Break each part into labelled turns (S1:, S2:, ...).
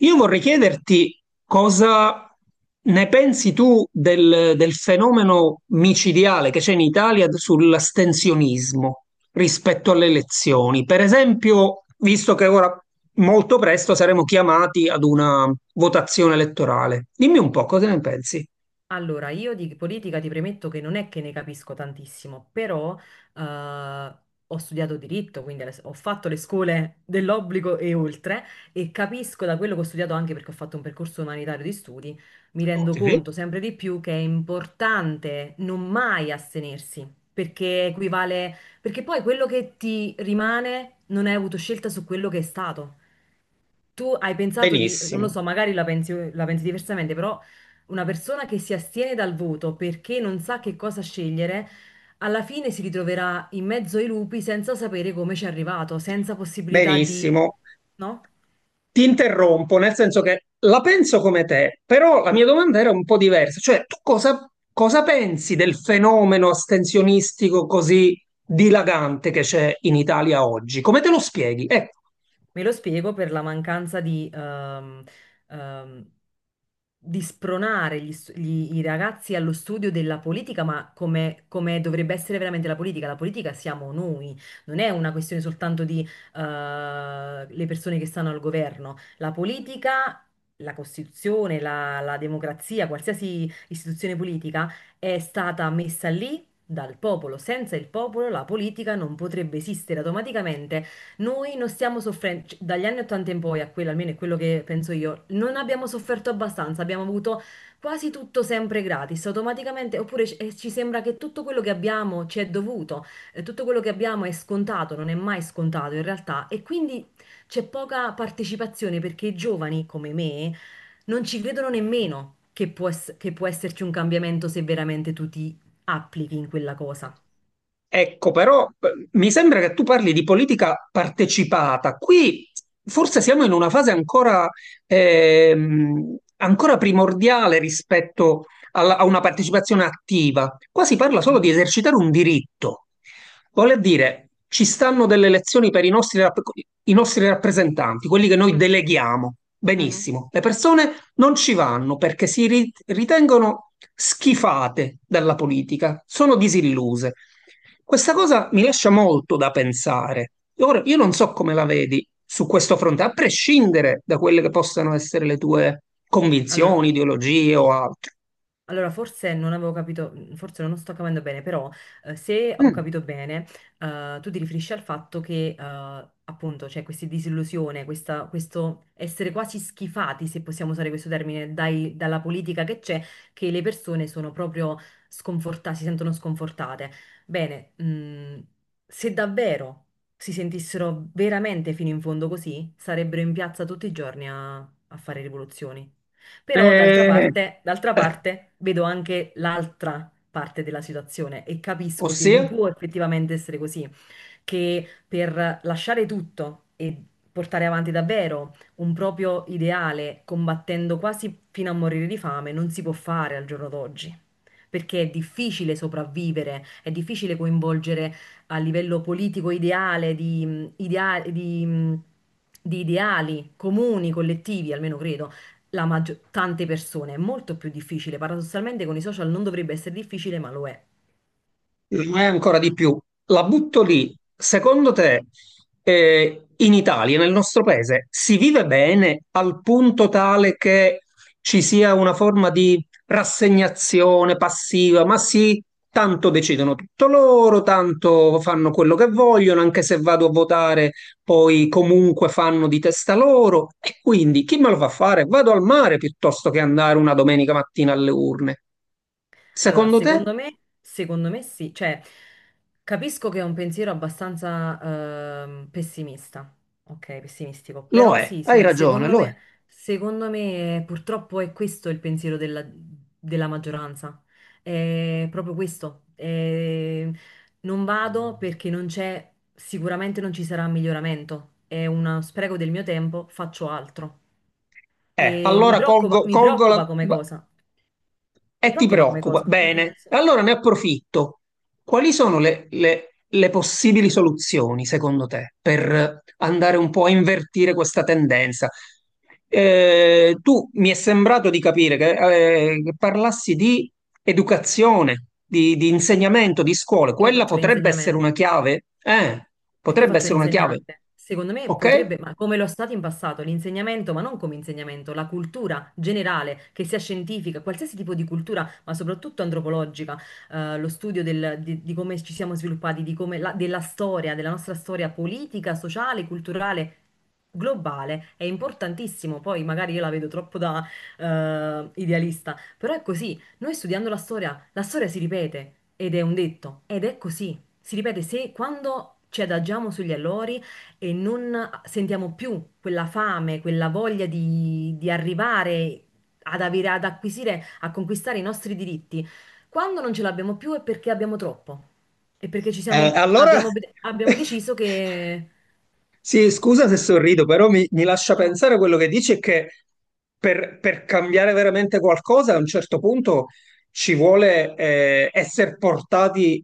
S1: Io vorrei chiederti cosa ne pensi tu del fenomeno micidiale che c'è in Italia sull'astensionismo rispetto alle elezioni. Per esempio, visto che ora molto presto saremo chiamati ad una votazione elettorale, dimmi un po' cosa ne pensi.
S2: Allora, io di politica ti premetto che non è che ne capisco tantissimo, però eh, ho studiato diritto, quindi ho fatto le scuole dell'obbligo e oltre, e capisco da quello che ho studiato anche perché ho fatto un percorso umanitario di studi, mi
S1: Ok.
S2: rendo conto sempre di più che è importante non mai astenersi, perché equivale, perché poi quello che ti rimane non hai avuto scelta su quello che è stato, tu hai pensato di, non lo
S1: Benissimo,
S2: so, magari la pensi diversamente, però una persona che si astiene dal voto perché non sa che cosa scegliere, alla fine si ritroverà in mezzo ai lupi senza sapere come ci è arrivato, senza possibilità di,
S1: benissimo.
S2: no?
S1: Ti interrompo, nel senso che la penso come te, però la mia domanda era un po' diversa, cioè tu cosa pensi del fenomeno astensionistico così dilagante che c'è in Italia oggi? Come te lo spieghi? Ecco.
S2: Me lo spiego per la mancanza ehm, di spronare i ragazzi allo studio della politica, ma come, come dovrebbe essere veramente la politica. La politica siamo noi, non è una questione soltanto di, le persone che stanno al governo. La politica, la Costituzione, la democrazia, qualsiasi istituzione politica è stata messa lì. Dal popolo, senza il popolo la politica non potrebbe esistere. Automaticamente noi non stiamo soffrendo, dagli anni 80 in poi, a quello almeno è quello che penso io, non abbiamo sofferto abbastanza, abbiamo avuto quasi tutto sempre gratis, automaticamente, oppure ci sembra che tutto quello che abbiamo ci è dovuto, tutto quello che abbiamo è scontato, non è mai scontato in realtà, e quindi c'è poca partecipazione perché i giovani come me non ci credono nemmeno che può, che può esserci un cambiamento se veramente tu ti applichi in quella cosa.
S1: Ecco, però mi sembra che tu parli di politica partecipata. Qui forse siamo in una fase ancora, ancora primordiale rispetto a una partecipazione attiva. Qua si parla solo
S2: Mhm,
S1: di esercitare un diritto. Vuole dire, ci stanno delle elezioni per i nostri, i nostri rappresentanti, quelli che noi
S2: mhm,
S1: deleghiamo.
S2: mhm.
S1: Benissimo. Le persone non ci vanno perché ritengono schifate dalla politica, sono disilluse. Questa cosa mi lascia molto da pensare. Ora, io non so come la vedi su questo fronte, a prescindere da quelle che possano essere le tue convinzioni,
S2: Allora,
S1: ideologie o altro.
S2: Allora, forse non avevo capito, forse non sto capendo bene, però se ho
S1: Mm.
S2: capito bene, tu ti riferisci al fatto che appunto c'è questa disillusione, questo essere quasi schifati, se possiamo usare questo termine, dalla politica che c'è, che le persone sono proprio sconfortate, si sentono sconfortate. Bene, se davvero si sentissero veramente fino in fondo così, sarebbero in piazza tutti i giorni a fare rivoluzioni. Però d'altra
S1: Eh,
S2: parte, d'altra
S1: eh,
S2: parte vedo anche l'altra parte della situazione e capisco che non
S1: ossia?
S2: può effettivamente essere così, che per lasciare tutto e portare avanti davvero un proprio ideale, combattendo quasi fino a morire di fame, non si può fare al giorno d'oggi. Perché è difficile sopravvivere, è difficile coinvolgere a livello politico ideale di, di ideali comuni, collettivi, almeno credo, tante persone. È molto più difficile. Paradossalmente con i social non dovrebbe essere difficile, ma lo è.
S1: Mai ancora di più. La butto lì. Secondo te, in Italia, nel nostro paese, si vive bene al punto tale che ci sia una forma di rassegnazione passiva? Ma sì, tanto decidono tutto loro, tanto fanno quello che vogliono, anche se vado a votare, poi comunque fanno di testa loro. E quindi chi me lo fa fare? Vado al mare piuttosto che andare una domenica mattina alle urne.
S2: Allora,
S1: Secondo te?
S2: secondo me sì, cioè capisco che è un pensiero abbastanza pessimista, ok, pessimistico,
S1: Lo
S2: però
S1: è,
S2: sì,
S1: hai ragione, lo è.
S2: secondo me purtroppo è questo il pensiero della, della maggioranza, è proprio questo, non vado perché non c'è, sicuramente non ci sarà miglioramento, è uno spreco del mio tempo, faccio altro e mi
S1: Allora
S2: preoccupa,
S1: colgo,
S2: mi
S1: colgo la...
S2: preoccupa come cosa, mi
S1: e ti
S2: preoccupa come
S1: preoccupa.
S2: cosa.
S1: Bene,
S2: Sì.
S1: allora ne approfitto. Quali sono le possibili soluzioni, secondo te, per andare un po' a invertire questa tendenza? Tu mi è sembrato di capire che parlassi di educazione, di insegnamento, di scuole.
S2: Perché io
S1: Quella
S2: faccio
S1: potrebbe essere
S2: l'insegnamento?
S1: una chiave?
S2: Perché io
S1: Potrebbe
S2: faccio
S1: essere una chiave,
S2: l'insegnante? Secondo me
S1: ok?
S2: potrebbe, ma come lo è stato in passato, l'insegnamento, ma non come insegnamento, la cultura generale, che sia scientifica, qualsiasi tipo di cultura, ma soprattutto antropologica, lo studio di come ci siamo sviluppati, di come della storia, della nostra storia politica, sociale, culturale, globale, è importantissimo. Poi magari io la vedo troppo da idealista, però è così. Noi studiando la storia si ripete ed è un detto, ed è così. Si ripete, se quando ci adagiamo sugli allori e non sentiamo più quella fame, quella voglia di arrivare ad avere, ad acquisire, a conquistare i nostri diritti, quando non ce l'abbiamo più è perché abbiamo troppo. E perché ci siamo,
S1: Allora
S2: abbiamo, abbiamo deciso che...
S1: Sì, scusa se sorrido, però mi lascia
S2: No, no,
S1: pensare quello che dici è che per cambiare veramente qualcosa a un certo punto ci vuole essere portati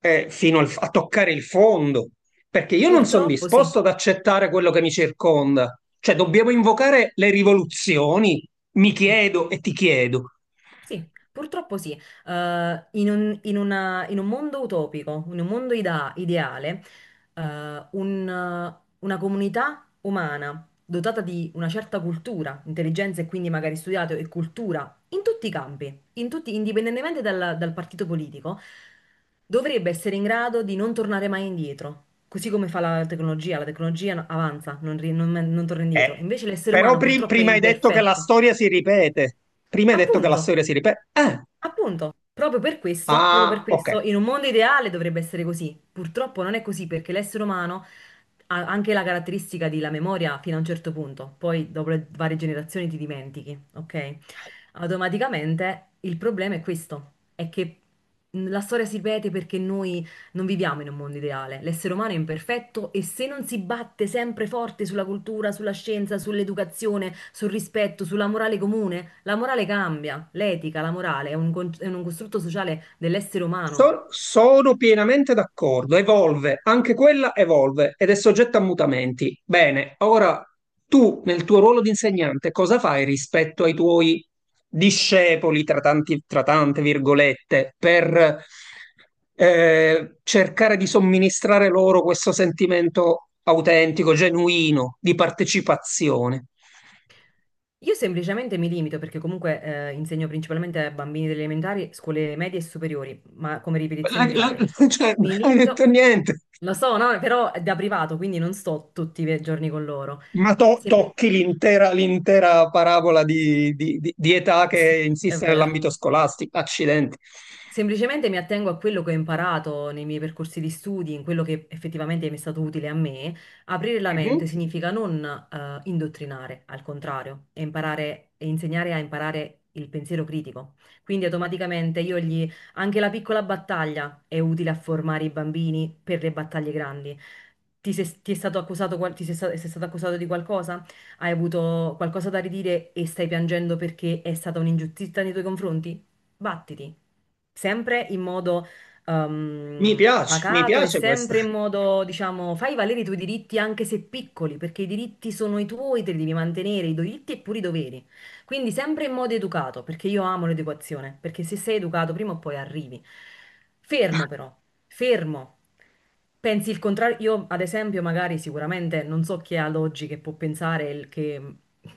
S1: a toccare il fondo, perché io non sono
S2: purtroppo sì,
S1: disposto ad accettare quello che mi circonda. Cioè, dobbiamo invocare le rivoluzioni, mi
S2: sì.
S1: chiedo e ti chiedo.
S2: Sì, purtroppo sì. In un, in un mondo utopico, in un mondo ideale, una comunità umana dotata di una certa cultura, intelligenza e quindi magari studiato e cultura in tutti i campi, indipendentemente dal, dal partito politico, dovrebbe essere in grado di non tornare mai indietro. Così come fa la tecnologia avanza, non, ri- non non torna
S1: Eh,
S2: indietro. Invece l'essere
S1: però
S2: umano purtroppo è
S1: prima hai detto che la
S2: imperfetto.
S1: storia si ripete. Prima hai detto che la
S2: Appunto,
S1: storia si ripete.
S2: Appunto, proprio per
S1: Ah, ok.
S2: questo, in un mondo ideale dovrebbe essere così. Purtroppo non è così perché l'essere umano ha anche la caratteristica della memoria fino a un certo punto, poi dopo le varie generazioni ti dimentichi, ok? Automaticamente il problema è questo, è che la storia si ripete perché noi non viviamo in un mondo ideale, l'essere umano è imperfetto e se non si batte sempre forte sulla cultura, sulla scienza, sull'educazione, sul rispetto, sulla morale comune, la morale cambia, l'etica, la morale è un, è un costrutto sociale dell'essere umano.
S1: Sono pienamente d'accordo, evolve, anche quella evolve ed è soggetta a mutamenti. Bene, ora tu nel tuo ruolo di insegnante cosa fai rispetto ai tuoi discepoli, tra tanti, tra tante virgolette, per cercare di somministrare loro questo sentimento autentico, genuino, di partecipazione?
S2: Io semplicemente mi limito, perché comunque insegno principalmente a bambini delle elementari, scuole medie e superiori, ma come
S1: La-
S2: ripetizioni
S1: la-
S2: private.
S1: cioè, non
S2: Mi
S1: hai detto
S2: limito,
S1: niente.
S2: lo so, no? Però è da privato, quindi non sto tutti i giorni con loro.
S1: Ma
S2: Sempli-
S1: tocchi l'intera parabola di età
S2: sì,
S1: che
S2: è
S1: insiste
S2: vero.
S1: nell'ambito scolastico. Accidenti.
S2: Semplicemente mi attengo a quello che ho imparato nei miei percorsi di studi, in quello che effettivamente mi è stato utile a me. Aprire la mente
S1: Mhm.
S2: significa non indottrinare, al contrario, e imparare e insegnare a imparare il pensiero critico. Quindi automaticamente io gli, anche la piccola battaglia è utile a formare i bambini per le battaglie grandi. Ti, se- ti è stato accusato, sei stato accusato di qualcosa? Hai avuto qualcosa da ridire e stai piangendo perché è stata un'ingiustizia nei tuoi confronti? Battiti sempre in modo ehm,
S1: Mi piace, mi
S2: pacato e
S1: piace questa.
S2: sempre in modo, diciamo, fai valere i tuoi diritti anche se piccoli, perché i diritti sono i tuoi, te li devi mantenere, i diritti e pure i doveri. Quindi sempre in modo educato, perché io amo l'educazione, perché se sei educato prima o poi arrivi. Fermo però, fermo. Pensi il contrario? Io, ad esempio, magari sicuramente non so chi è ad oggi che può pensare che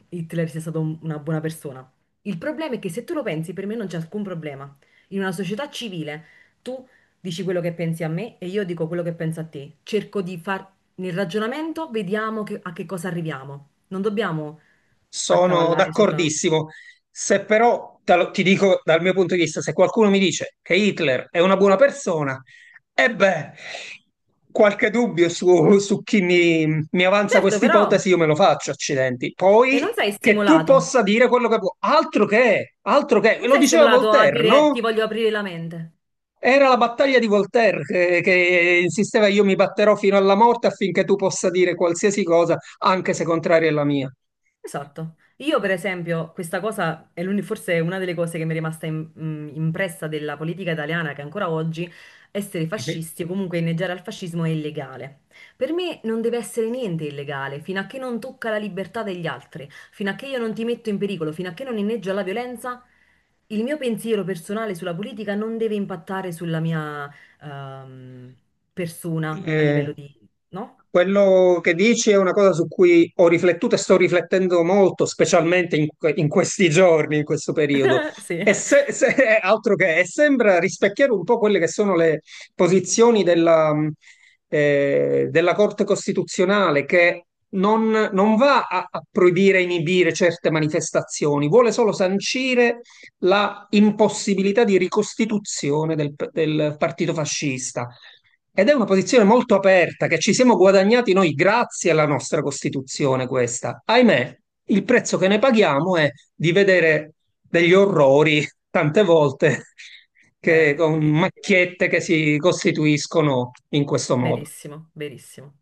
S2: Hitler sia stato una buona persona. Il problema è che se tu lo pensi, per me non c'è alcun problema. In una società civile tu dici quello che pensi a me e io dico quello che penso a te. Cerco di far nel ragionamento, vediamo a che cosa arriviamo. Non dobbiamo
S1: Sono
S2: accavallare sopra.
S1: d'accordissimo. Se però ti dico dal mio punto di vista, se qualcuno mi dice che Hitler è una buona persona, e beh, qualche dubbio su, su chi mi avanza
S2: Certo,
S1: questa
S2: però,
S1: ipotesi, io me lo faccio, accidenti.
S2: e non
S1: Poi
S2: sei
S1: che tu
S2: stimolato.
S1: possa dire quello che vuoi, altro che, e
S2: Non
S1: lo
S2: sei
S1: diceva
S2: stimolato a
S1: Voltaire,
S2: dire ti
S1: no?
S2: voglio aprire la mente.
S1: Era la battaglia di Voltaire che insisteva io mi batterò fino alla morte affinché tu possa dire qualsiasi cosa, anche se contraria alla mia.
S2: Esatto. Io, per esempio, questa cosa è forse è una delle cose che mi è rimasta impressa della politica italiana, che ancora oggi essere fascisti o comunque inneggiare al fascismo è illegale. Per me non deve essere niente illegale, fino a che non tocca la libertà degli altri, fino a che io non ti metto in pericolo, fino a che non inneggio alla violenza, il mio pensiero personale sulla politica non deve impattare sulla mia ehm, persona a
S1: Eh,
S2: livello di... No?
S1: quello che dici è una cosa su cui ho riflettuto e sto riflettendo molto, specialmente in questi giorni, in questo periodo.
S2: Sì,
S1: E è altro che, e sembra rispecchiare un po' quelle che sono le posizioni della, della Corte Costituzionale, che non va a proibire, inibire certe manifestazioni, vuole solo sancire la impossibilità di ricostituzione del partito fascista. Ed è una posizione molto aperta che ci siamo guadagnati noi grazie alla nostra Costituzione questa. Ahimè, il prezzo che ne paghiamo è di vedere degli orrori tante volte che,
S2: vero,
S1: con
S2: verissimo.
S1: macchiette che si costituiscono in questo modo.
S2: Verissimo, verissimo.